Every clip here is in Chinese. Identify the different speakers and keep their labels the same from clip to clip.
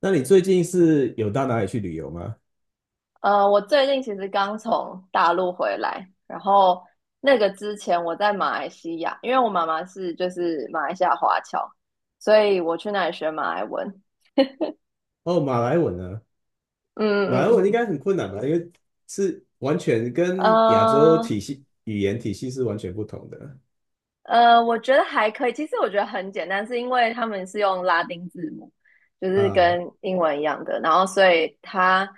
Speaker 1: 那你最近是有到哪里去旅游吗？
Speaker 2: 我最近其实刚从大陆回来，然后那个之前我在马来西亚，因为我妈妈是就是马来西亚华侨，所以我去那里学马来文。
Speaker 1: 哦，马来文呢？
Speaker 2: 嗯
Speaker 1: 马来文
Speaker 2: 嗯，
Speaker 1: 应该很困难吧，因为是完全跟亚洲
Speaker 2: 嗯。
Speaker 1: 体
Speaker 2: 呃
Speaker 1: 系语言体系是完全不同的
Speaker 2: 我觉得还可以。其实我觉得很简单，是因为他们是用拉丁字母，就是
Speaker 1: 啊。
Speaker 2: 跟英文一样的，然后所以它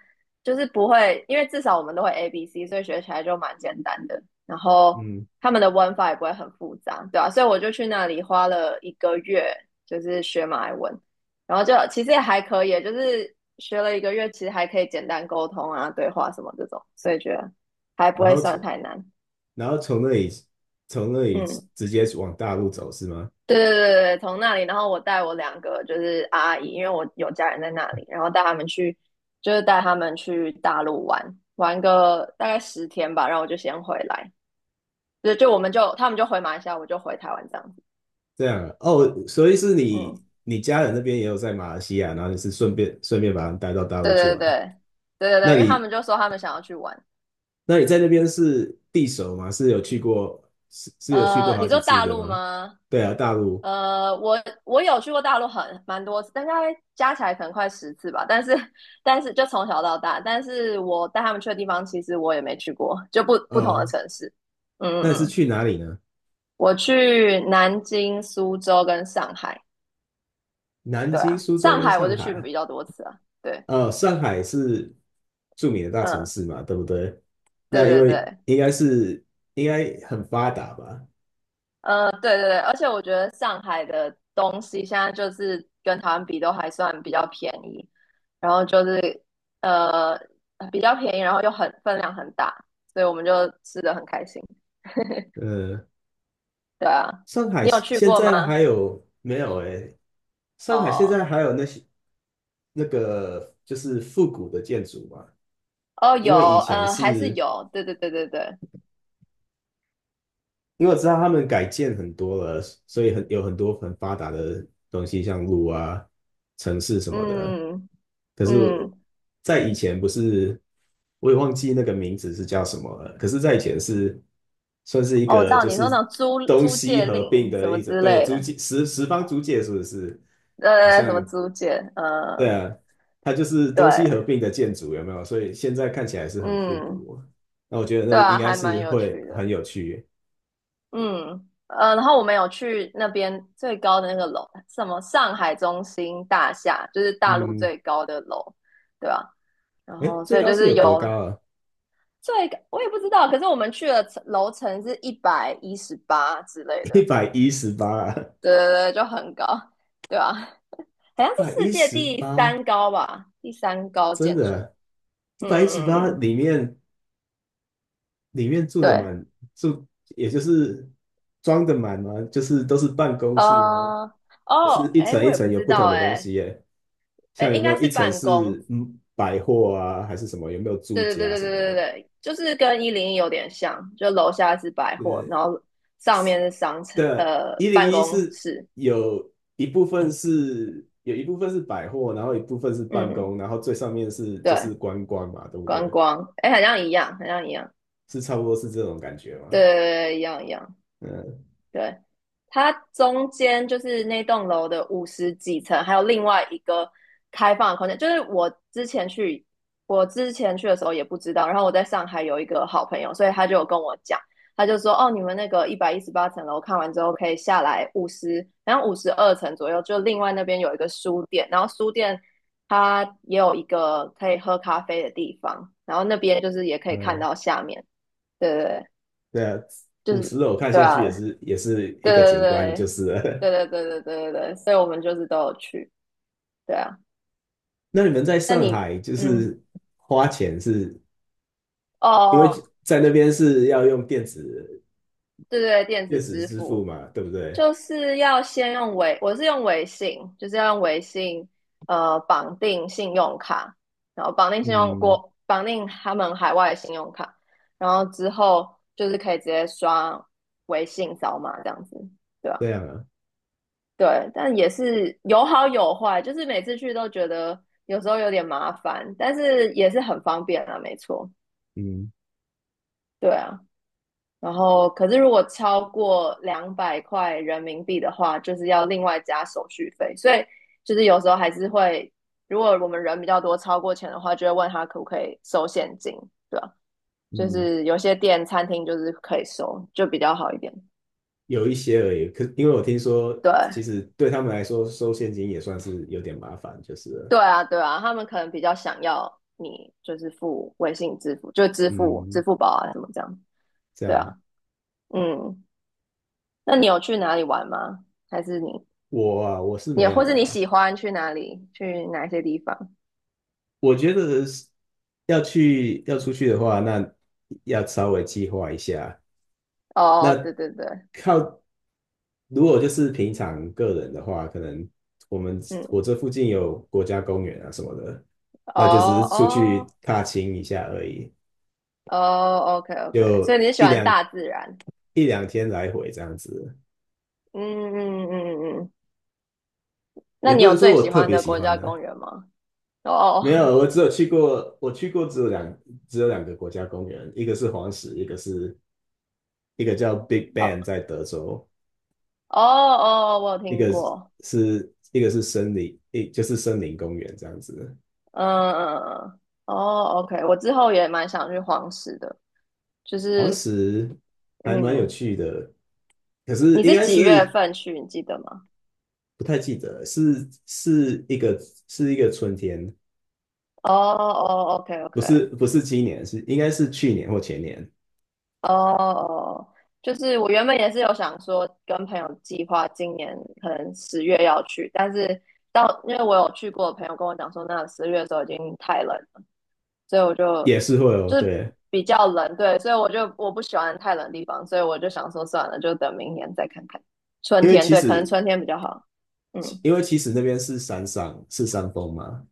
Speaker 2: 就是不会，因为至少我们都会 ABC，所以学起来就蛮简单的。然后
Speaker 1: 嗯，
Speaker 2: 他们的文法也不会很复杂，对啊，所以我就去那里花了一个月，就是学马来文，然后就其实也还可以，就是学了一个月，其实还可以简单沟通啊、对话什么这种，所以觉得还不
Speaker 1: 然
Speaker 2: 会
Speaker 1: 后
Speaker 2: 算
Speaker 1: 从
Speaker 2: 太难。
Speaker 1: 然后从那里
Speaker 2: 嗯。
Speaker 1: 直接往大陆走是吗？
Speaker 2: 对对对对，从那里，然后我带我2个就是阿姨，因为我有家人在那里，然后带他们去，就是带他们去大陆玩，玩个大概10天吧，然后我就先回来，对，就他们就回马来西亚，我就回台湾这样子，
Speaker 1: 这样啊哦，所以是你
Speaker 2: 嗯，
Speaker 1: 你家人那边也有在马来西亚，然后你是顺便把他们带到大
Speaker 2: 对
Speaker 1: 陆去
Speaker 2: 对对
Speaker 1: 玩。
Speaker 2: 对对对，
Speaker 1: 那
Speaker 2: 因为他
Speaker 1: 你
Speaker 2: 们就说他们想要去玩，
Speaker 1: 那你在那边是地熟吗？是有去过是是有去过
Speaker 2: 你
Speaker 1: 好几
Speaker 2: 说
Speaker 1: 次
Speaker 2: 大
Speaker 1: 的
Speaker 2: 陆
Speaker 1: 吗？
Speaker 2: 吗？
Speaker 1: 对啊，大陆。
Speaker 2: 呃，我我有去过大陆很蛮多次，但大概加起来可能快10次吧。但是就从小到大，但是我带他们去的地方，其实我也没去过，就不同的
Speaker 1: 呃，
Speaker 2: 城市。嗯
Speaker 1: 那你
Speaker 2: 嗯
Speaker 1: 是
Speaker 2: 嗯，
Speaker 1: 去哪里呢？
Speaker 2: 我去南京、苏州跟上海。
Speaker 1: 南
Speaker 2: 对
Speaker 1: 京、
Speaker 2: 啊，
Speaker 1: 苏州
Speaker 2: 上
Speaker 1: 跟
Speaker 2: 海我
Speaker 1: 上
Speaker 2: 就去
Speaker 1: 海。
Speaker 2: 比较多次啊。对，
Speaker 1: 上海是著名的大城
Speaker 2: 嗯，
Speaker 1: 市嘛，对不对？
Speaker 2: 对
Speaker 1: 那因
Speaker 2: 对
Speaker 1: 为
Speaker 2: 对。
Speaker 1: 应该是应该很发达吧？
Speaker 2: 对对对，而且我觉得上海的东西现在就是跟台湾比都还算比较便宜，然后就是呃比较便宜，然后又很分量很大，所以我们就吃的很开心。
Speaker 1: 呃，
Speaker 2: 对啊，
Speaker 1: 上海
Speaker 2: 你有去
Speaker 1: 现
Speaker 2: 过
Speaker 1: 在还
Speaker 2: 吗？
Speaker 1: 有没有？哎，上海现
Speaker 2: 哦
Speaker 1: 在还有那些那个就是复古的建筑嘛？
Speaker 2: 哦，
Speaker 1: 因
Speaker 2: 有，
Speaker 1: 为以前
Speaker 2: 嗯、还是
Speaker 1: 是，
Speaker 2: 有，对对对对对，
Speaker 1: 因为我知道他们改建很多了，所以很有很多很发达的东西，像路啊、城市什么的。
Speaker 2: 嗯
Speaker 1: 可是，
Speaker 2: 嗯，
Speaker 1: 在以前不是，我也忘记那个名字是叫什么了。可是，在以前是算是一
Speaker 2: 哦，我知
Speaker 1: 个
Speaker 2: 道
Speaker 1: 就
Speaker 2: 你说
Speaker 1: 是
Speaker 2: 那种租
Speaker 1: 东
Speaker 2: 租
Speaker 1: 西
Speaker 2: 借
Speaker 1: 合并
Speaker 2: 令
Speaker 1: 的
Speaker 2: 什么
Speaker 1: 一种，
Speaker 2: 之
Speaker 1: 对，
Speaker 2: 类
Speaker 1: 租
Speaker 2: 的，
Speaker 1: 界十十方租界是不是？
Speaker 2: 对
Speaker 1: 好
Speaker 2: 对对，什
Speaker 1: 像
Speaker 2: 么租借，
Speaker 1: 对
Speaker 2: 呃，
Speaker 1: 啊，它就是东西合
Speaker 2: 对，
Speaker 1: 并的建筑，有没有？所以现在看起来是很复
Speaker 2: 嗯，
Speaker 1: 古。那我觉得
Speaker 2: 对
Speaker 1: 那应
Speaker 2: 啊，
Speaker 1: 该
Speaker 2: 还
Speaker 1: 是
Speaker 2: 蛮有
Speaker 1: 会
Speaker 2: 趣
Speaker 1: 很
Speaker 2: 的。
Speaker 1: 有趣。
Speaker 2: 嗯，然后我们有去那边最高的那个楼，什么上海中心大厦，就是大陆
Speaker 1: 嗯，
Speaker 2: 最高的楼，对吧？然
Speaker 1: 哎，
Speaker 2: 后
Speaker 1: 最
Speaker 2: 所以
Speaker 1: 高
Speaker 2: 就
Speaker 1: 是
Speaker 2: 是
Speaker 1: 有多
Speaker 2: 有
Speaker 1: 高啊？
Speaker 2: 最，我也不知道，可是我们去了楼层是一百一十八之类
Speaker 1: 一
Speaker 2: 的，
Speaker 1: 百一十八啊，
Speaker 2: 对对对，就很高，对吧？
Speaker 1: 一
Speaker 2: 好像
Speaker 1: 百
Speaker 2: 是世
Speaker 1: 一
Speaker 2: 界
Speaker 1: 十
Speaker 2: 第
Speaker 1: 八，
Speaker 2: 三高吧，第三高
Speaker 1: 真
Speaker 2: 建筑。
Speaker 1: 的，一
Speaker 2: 嗯
Speaker 1: 百一十
Speaker 2: 嗯嗯
Speaker 1: 八
Speaker 2: 嗯，
Speaker 1: 里面里面住的
Speaker 2: 对，
Speaker 1: 满住，也就是装的满吗？就是都是办公室吗？
Speaker 2: 啊，
Speaker 1: 还是
Speaker 2: 哦，
Speaker 1: 一
Speaker 2: 哎，
Speaker 1: 层一
Speaker 2: 我也不
Speaker 1: 层有
Speaker 2: 知
Speaker 1: 不同
Speaker 2: 道，
Speaker 1: 的东西
Speaker 2: 哎，
Speaker 1: 耶？
Speaker 2: 哎，
Speaker 1: 像有
Speaker 2: 应
Speaker 1: 没
Speaker 2: 该
Speaker 1: 有
Speaker 2: 是
Speaker 1: 一层
Speaker 2: 办公，
Speaker 1: 是百货啊，还是什么？有没有住
Speaker 2: 对对
Speaker 1: 家
Speaker 2: 对
Speaker 1: 什
Speaker 2: 对
Speaker 1: 么
Speaker 2: 对对
Speaker 1: 的？
Speaker 2: 对，就是跟101有点像，就楼下是百货，然后上面是商场，
Speaker 1: 的一零
Speaker 2: 办
Speaker 1: 一
Speaker 2: 公
Speaker 1: 是
Speaker 2: 室，
Speaker 1: 有一部分是百货，然后一部分是办公，
Speaker 2: 嗯，
Speaker 1: 然后最上面是就
Speaker 2: 对，
Speaker 1: 是观光嘛，对不
Speaker 2: 观
Speaker 1: 对？
Speaker 2: 光，哎，好像一样，好像一样，
Speaker 1: 是差不多是这种感觉
Speaker 2: 对
Speaker 1: 吗？
Speaker 2: 对对，一样一样。
Speaker 1: 嗯
Speaker 2: 对，它中间就是那栋楼的五十几层，还有另外一个开放的空间。就是我之前去的时候也不知道，然后我在上海有一个好朋友，所以他就有跟我讲，他就说哦，你们那个一百一十八层楼看完之后可以下来然后52层左右，就另外那边有一个书店，然后书店它也有一个可以喝咖啡的地方，然后那边就是也可以看
Speaker 1: 嗯，
Speaker 2: 到下面，对对对，
Speaker 1: 对啊，
Speaker 2: 就
Speaker 1: 五十
Speaker 2: 是
Speaker 1: 楼看
Speaker 2: 对
Speaker 1: 下去
Speaker 2: 啊，
Speaker 1: 也是一
Speaker 2: 对
Speaker 1: 个景观，就
Speaker 2: 对
Speaker 1: 是了。
Speaker 2: 对对对对对对对对，所以我们就是都有去，对啊。
Speaker 1: 那你们在
Speaker 2: 那
Speaker 1: 上
Speaker 2: 你，
Speaker 1: 海就
Speaker 2: 嗯，
Speaker 1: 是花钱是
Speaker 2: 哦
Speaker 1: 因为
Speaker 2: 哦，
Speaker 1: 在那
Speaker 2: 就
Speaker 1: 边是要用
Speaker 2: 对对，电
Speaker 1: 电
Speaker 2: 子
Speaker 1: 子
Speaker 2: 支
Speaker 1: 支付
Speaker 2: 付
Speaker 1: 嘛，对不对？
Speaker 2: 就是要先用微，我是用微信，就是要用微信，绑定信用卡，然后绑定信用
Speaker 1: 嗯，
Speaker 2: 国，绑定他们海外的信用卡，然后之后就是可以直接刷微信扫码这样子，对啊
Speaker 1: 这样啊，
Speaker 2: 对，但也是有好有坏，就是每次去都觉得有时候有点麻烦，但是也是很方便啊，没错，
Speaker 1: 嗯
Speaker 2: 对啊。然后，可是如果超过200块人民币的话，就是要另外加手续费，所以就是有时候还是会，如果我们人比较多，超过钱的话，就会问他可不可以收现金，对啊，就
Speaker 1: 嗯。
Speaker 2: 是有些店餐厅就是可以收，就比较好一点，
Speaker 1: 有一些而已。可因为我听说，其
Speaker 2: 对。
Speaker 1: 实对他们来说收现金也算是有点麻烦，就是了。
Speaker 2: 对啊，对啊，他们可能比较想要你就是付微信支付，就支
Speaker 1: 嗯，
Speaker 2: 付宝啊什么这样。
Speaker 1: 这
Speaker 2: 对啊，
Speaker 1: 样。
Speaker 2: 嗯，那你有去哪里玩吗？还是你
Speaker 1: 我啊，我是
Speaker 2: 你
Speaker 1: 没
Speaker 2: 或
Speaker 1: 有
Speaker 2: 是你
Speaker 1: 啦。
Speaker 2: 喜欢去哪里？去哪些地方？
Speaker 1: 我觉得是要去要出去的话，那要稍微计划一下。
Speaker 2: 哦，对
Speaker 1: 那
Speaker 2: 对对，
Speaker 1: 靠，如果就是平常个人的话，可能我们我
Speaker 2: 嗯，
Speaker 1: 这附近有国家公园啊什么的，
Speaker 2: 哦
Speaker 1: 那就只是出去
Speaker 2: 哦
Speaker 1: 踏青一下而已，
Speaker 2: 哦，OK OK，所以
Speaker 1: 就
Speaker 2: 你是喜欢大自然？
Speaker 1: 一两天来回这样子。
Speaker 2: 嗯嗯嗯嗯嗯，那
Speaker 1: 也
Speaker 2: 你
Speaker 1: 不
Speaker 2: 有
Speaker 1: 能说
Speaker 2: 最
Speaker 1: 我
Speaker 2: 喜
Speaker 1: 特
Speaker 2: 欢
Speaker 1: 别
Speaker 2: 的
Speaker 1: 喜
Speaker 2: 国
Speaker 1: 欢
Speaker 2: 家
Speaker 1: 的，
Speaker 2: 公园吗？哦
Speaker 1: 没有，我只有去过，我去过只有两只有两个国家公园，一个是黄石，一个叫 Big
Speaker 2: 哦
Speaker 1: Bend
Speaker 2: 哦
Speaker 1: 在德州，
Speaker 2: 哦哦，我有
Speaker 1: 一
Speaker 2: 听
Speaker 1: 个
Speaker 2: 过，
Speaker 1: 是一个是森林，一就是森林公园这样子。
Speaker 2: 嗯嗯嗯，哦，OK，我之后也蛮想去黄石的，就
Speaker 1: 黄
Speaker 2: 是
Speaker 1: 石还蛮有
Speaker 2: 嗯，
Speaker 1: 趣的，可是
Speaker 2: 你
Speaker 1: 应
Speaker 2: 是
Speaker 1: 该
Speaker 2: 几月
Speaker 1: 是，
Speaker 2: 份去？你记得吗？
Speaker 1: 不太记得，是一个是一个春天，
Speaker 2: 哦哦，OK
Speaker 1: 不
Speaker 2: OK，
Speaker 1: 是，不是今年，是应该是去年或前年，
Speaker 2: 哦哦，就是我原本也是有想说跟朋友计划今年可能十月要去，但是到因为我有去过的朋友跟我讲说，那十月的时候已经太冷所以我就
Speaker 1: 也是会哦，
Speaker 2: 就是
Speaker 1: 对，
Speaker 2: 比较冷，对，所以我不喜欢太冷的地方，所以我就想说算了，就等明年再看看。春
Speaker 1: 因为
Speaker 2: 天，
Speaker 1: 其
Speaker 2: 对，可能
Speaker 1: 实
Speaker 2: 春天比较好。嗯，
Speaker 1: 因为其实那边是山上是山峰嘛，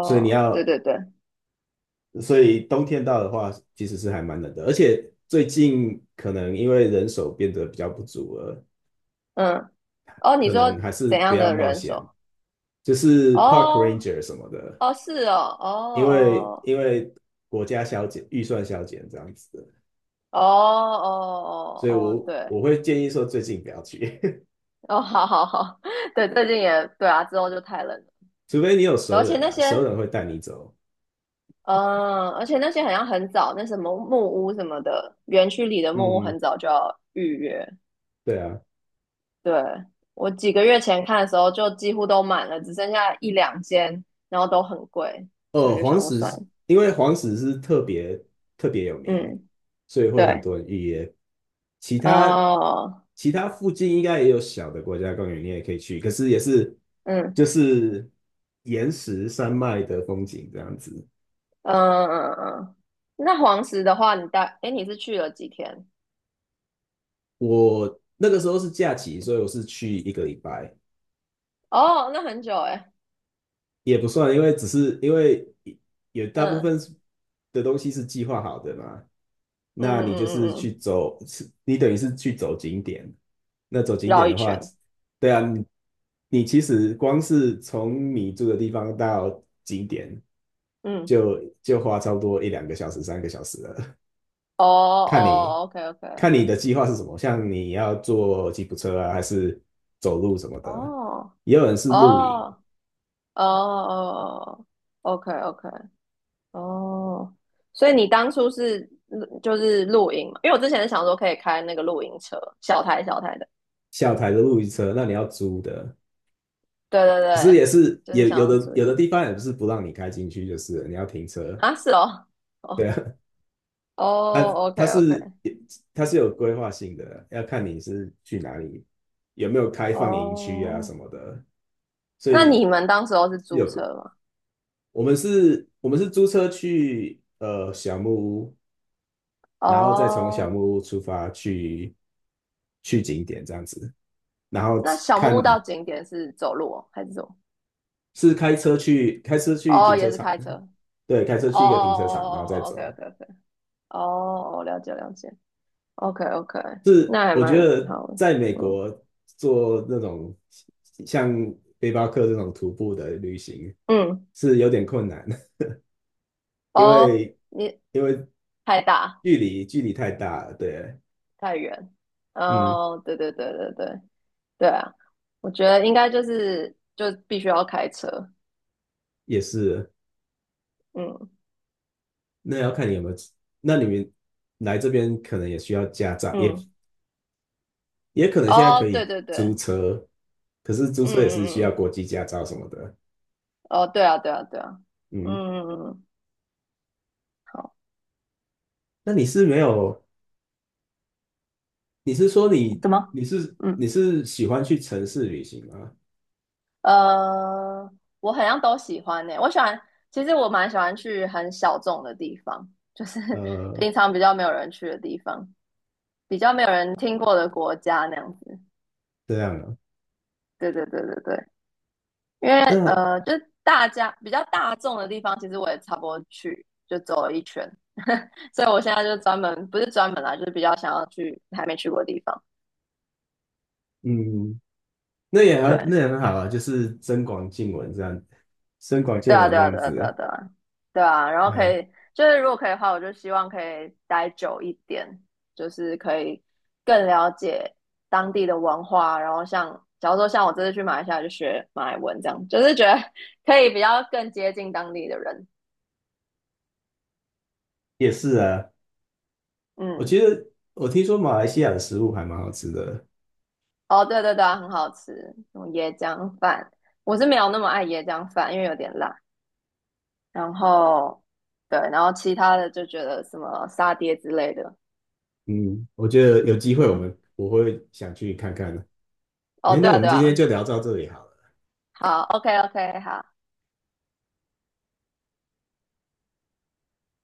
Speaker 1: 所以你
Speaker 2: 对
Speaker 1: 要
Speaker 2: 对对，
Speaker 1: 所以冬天到的话，其实是还蛮冷的，而且最近可能因为人手变得比较不足了，
Speaker 2: 嗯，哦，你
Speaker 1: 可
Speaker 2: 说
Speaker 1: 能还是
Speaker 2: 怎
Speaker 1: 不
Speaker 2: 样
Speaker 1: 要
Speaker 2: 的
Speaker 1: 冒
Speaker 2: 人
Speaker 1: 险，
Speaker 2: 手？
Speaker 1: 就是 park
Speaker 2: 哦，
Speaker 1: ranger 什么的，
Speaker 2: 哦，是哦，哦
Speaker 1: 因为国家削减预算削减这样子，
Speaker 2: 哦哦哦
Speaker 1: 所以
Speaker 2: 哦哦，
Speaker 1: 我
Speaker 2: 对，
Speaker 1: 我会建议说最近不要去。
Speaker 2: 哦，好好好，对，最近也对啊，之后就太冷了，
Speaker 1: 除非你有熟
Speaker 2: 而且
Speaker 1: 人
Speaker 2: 那
Speaker 1: 啊，熟
Speaker 2: 些
Speaker 1: 人会带你走。
Speaker 2: 嗯，而且那些好像很早，那什么木屋什么的，园区里的木屋
Speaker 1: 嗯，
Speaker 2: 很早就要预约。
Speaker 1: 对啊。
Speaker 2: 对，我几个月前看的时候，就几乎都满了，只剩下一两间，然后都很贵，所以
Speaker 1: 哦，
Speaker 2: 就想
Speaker 1: 黄
Speaker 2: 说算了。
Speaker 1: 石，因为黄石是特别有名，
Speaker 2: 嗯，
Speaker 1: 所以会很
Speaker 2: 对，
Speaker 1: 多人预约。其他
Speaker 2: 哦，
Speaker 1: 其他附近应该也有小的国家公园，你也可以去，可是也是
Speaker 2: 嗯
Speaker 1: 就是岩石山脉的风景这样子。
Speaker 2: 嗯嗯嗯，那黄石的话，诶，你是去了几天？
Speaker 1: 我那个时候是假期，所以我是去一个礼拜，
Speaker 2: 哦，那很久诶。
Speaker 1: 也不算，因为只是因为有大部
Speaker 2: 嗯
Speaker 1: 分是的东西是计划好的嘛，
Speaker 2: 嗯
Speaker 1: 那你就
Speaker 2: 嗯
Speaker 1: 是
Speaker 2: 嗯
Speaker 1: 去
Speaker 2: 嗯，
Speaker 1: 走，是你等于是去走景点。那走景
Speaker 2: 绕
Speaker 1: 点
Speaker 2: 一
Speaker 1: 的话，
Speaker 2: 圈。
Speaker 1: 对啊，你你其实光是从你住的地方到景点
Speaker 2: 嗯，
Speaker 1: 就花差不多一两个小时、三个小时了，
Speaker 2: 哦
Speaker 1: 看你
Speaker 2: 哦，OK OK，
Speaker 1: 看你的计划是什么，像你要坐吉普车啊，还是走路什么的，
Speaker 2: 哦
Speaker 1: 也有人是露营。
Speaker 2: 哦。哦哦哦哦，OK OK，哦，所以你当初是就是露营嘛？因为我之前是想说可以开那个露营车，小台小台的，
Speaker 1: 小台的露营车，那你要租的，
Speaker 2: 对对
Speaker 1: 可是也
Speaker 2: 对，
Speaker 1: 是
Speaker 2: 就是
Speaker 1: 也
Speaker 2: 想
Speaker 1: 有
Speaker 2: 要
Speaker 1: 的
Speaker 2: 租一
Speaker 1: 有的
Speaker 2: 台
Speaker 1: 地方也不是不让你开进去，就是了你要停车，
Speaker 2: 啊，是哦，哦哦
Speaker 1: 它
Speaker 2: ，OK
Speaker 1: 它
Speaker 2: OK，
Speaker 1: 是它是有规划性的，要看你是去哪里，有没有开放营区啊
Speaker 2: 哦，
Speaker 1: 什么的，所
Speaker 2: 那
Speaker 1: 以
Speaker 2: 你们当时候是租
Speaker 1: 有
Speaker 2: 车吗？
Speaker 1: 我们是租车去小木屋，然后再从小
Speaker 2: 哦，
Speaker 1: 木屋出发去去景点这样子，然后
Speaker 2: 那小木
Speaker 1: 看
Speaker 2: 屋到景点是走路哦，还是走？
Speaker 1: 是开车去，开车去
Speaker 2: 哦，
Speaker 1: 停车
Speaker 2: 也是
Speaker 1: 场，
Speaker 2: 开车。哦
Speaker 1: 对，开车
Speaker 2: 哦
Speaker 1: 去一个停车场，然后
Speaker 2: 哦
Speaker 1: 再
Speaker 2: 哦哦，OK
Speaker 1: 走。
Speaker 2: OK OK，哦，哦了解了解。OK OK，
Speaker 1: 是
Speaker 2: 那还
Speaker 1: 我
Speaker 2: 蛮
Speaker 1: 觉得
Speaker 2: 好的。
Speaker 1: 在美
Speaker 2: 嗯
Speaker 1: 国做那种像背包客这种徒步的旅行
Speaker 2: 嗯，
Speaker 1: 是有点困难。因
Speaker 2: 哦，
Speaker 1: 为
Speaker 2: 你
Speaker 1: 因为
Speaker 2: 太大
Speaker 1: 距离太大了。对，
Speaker 2: 太远。
Speaker 1: 嗯，
Speaker 2: 哦，对对对对对对啊，我觉得应该就是就必须要开车。
Speaker 1: 也是。
Speaker 2: 嗯
Speaker 1: 那要看你有没有，那你们来这边可能也需要驾照，也
Speaker 2: 嗯，
Speaker 1: 也可能现在
Speaker 2: 哦，
Speaker 1: 可
Speaker 2: 对
Speaker 1: 以
Speaker 2: 对
Speaker 1: 租
Speaker 2: 对，
Speaker 1: 车，可是租
Speaker 2: 嗯
Speaker 1: 车也是需
Speaker 2: 嗯
Speaker 1: 要
Speaker 2: 嗯，
Speaker 1: 国际驾照什么的。
Speaker 2: 哦，对啊对啊对啊，
Speaker 1: 嗯，
Speaker 2: 嗯嗯嗯，好，
Speaker 1: 那你是没有，你是说你，
Speaker 2: 怎么？
Speaker 1: 你
Speaker 2: 嗯
Speaker 1: 是喜欢去城市旅行吗？
Speaker 2: 呃，我好像都喜欢。其实我蛮喜欢去很小众的地方，就是
Speaker 1: 呃，
Speaker 2: 平常比较没有人去的地方。比较没有人听过的国家那样子。
Speaker 1: 这样啊，
Speaker 2: 对对对对对，因为
Speaker 1: 那
Speaker 2: 就是大家比较大众的地方，其实我也差不多去就走了一圈，所以我现在就专门不是专门啦，就是比较想要去还没去过的地方。
Speaker 1: 嗯，
Speaker 2: 对，
Speaker 1: 那也很好啊，就是增广见闻这样，增广
Speaker 2: 对
Speaker 1: 见
Speaker 2: 啊，
Speaker 1: 闻
Speaker 2: 对
Speaker 1: 这
Speaker 2: 啊，
Speaker 1: 样
Speaker 2: 对啊，对啊，
Speaker 1: 子。
Speaker 2: 对啊，对啊，然后可
Speaker 1: 呃，
Speaker 2: 以，就是如果可以的话，我就希望可以待久一点，就是可以更了解当地的文化，然后像，假如说像我这次去马来西亚就学马来文，这样就是觉得 可以比较更接近当地的人。
Speaker 1: 也是啊，我
Speaker 2: 嗯，
Speaker 1: 觉得我听说马来西亚的食物还蛮好吃的。
Speaker 2: 哦，对对对啊，很好吃，什么椰浆饭，我是没有那么爱椰浆饭，因为有点辣。然后，对，然后其他的就觉得什么沙爹之类的，
Speaker 1: 嗯，我觉得有机会我
Speaker 2: 嗯。
Speaker 1: 们我会想去看看的。
Speaker 2: 哦，
Speaker 1: 诶，
Speaker 2: 对
Speaker 1: 那我
Speaker 2: 啊，
Speaker 1: 们
Speaker 2: 对
Speaker 1: 今天
Speaker 2: 啊，
Speaker 1: 就聊到这里好了。
Speaker 2: 好，OK OK，好，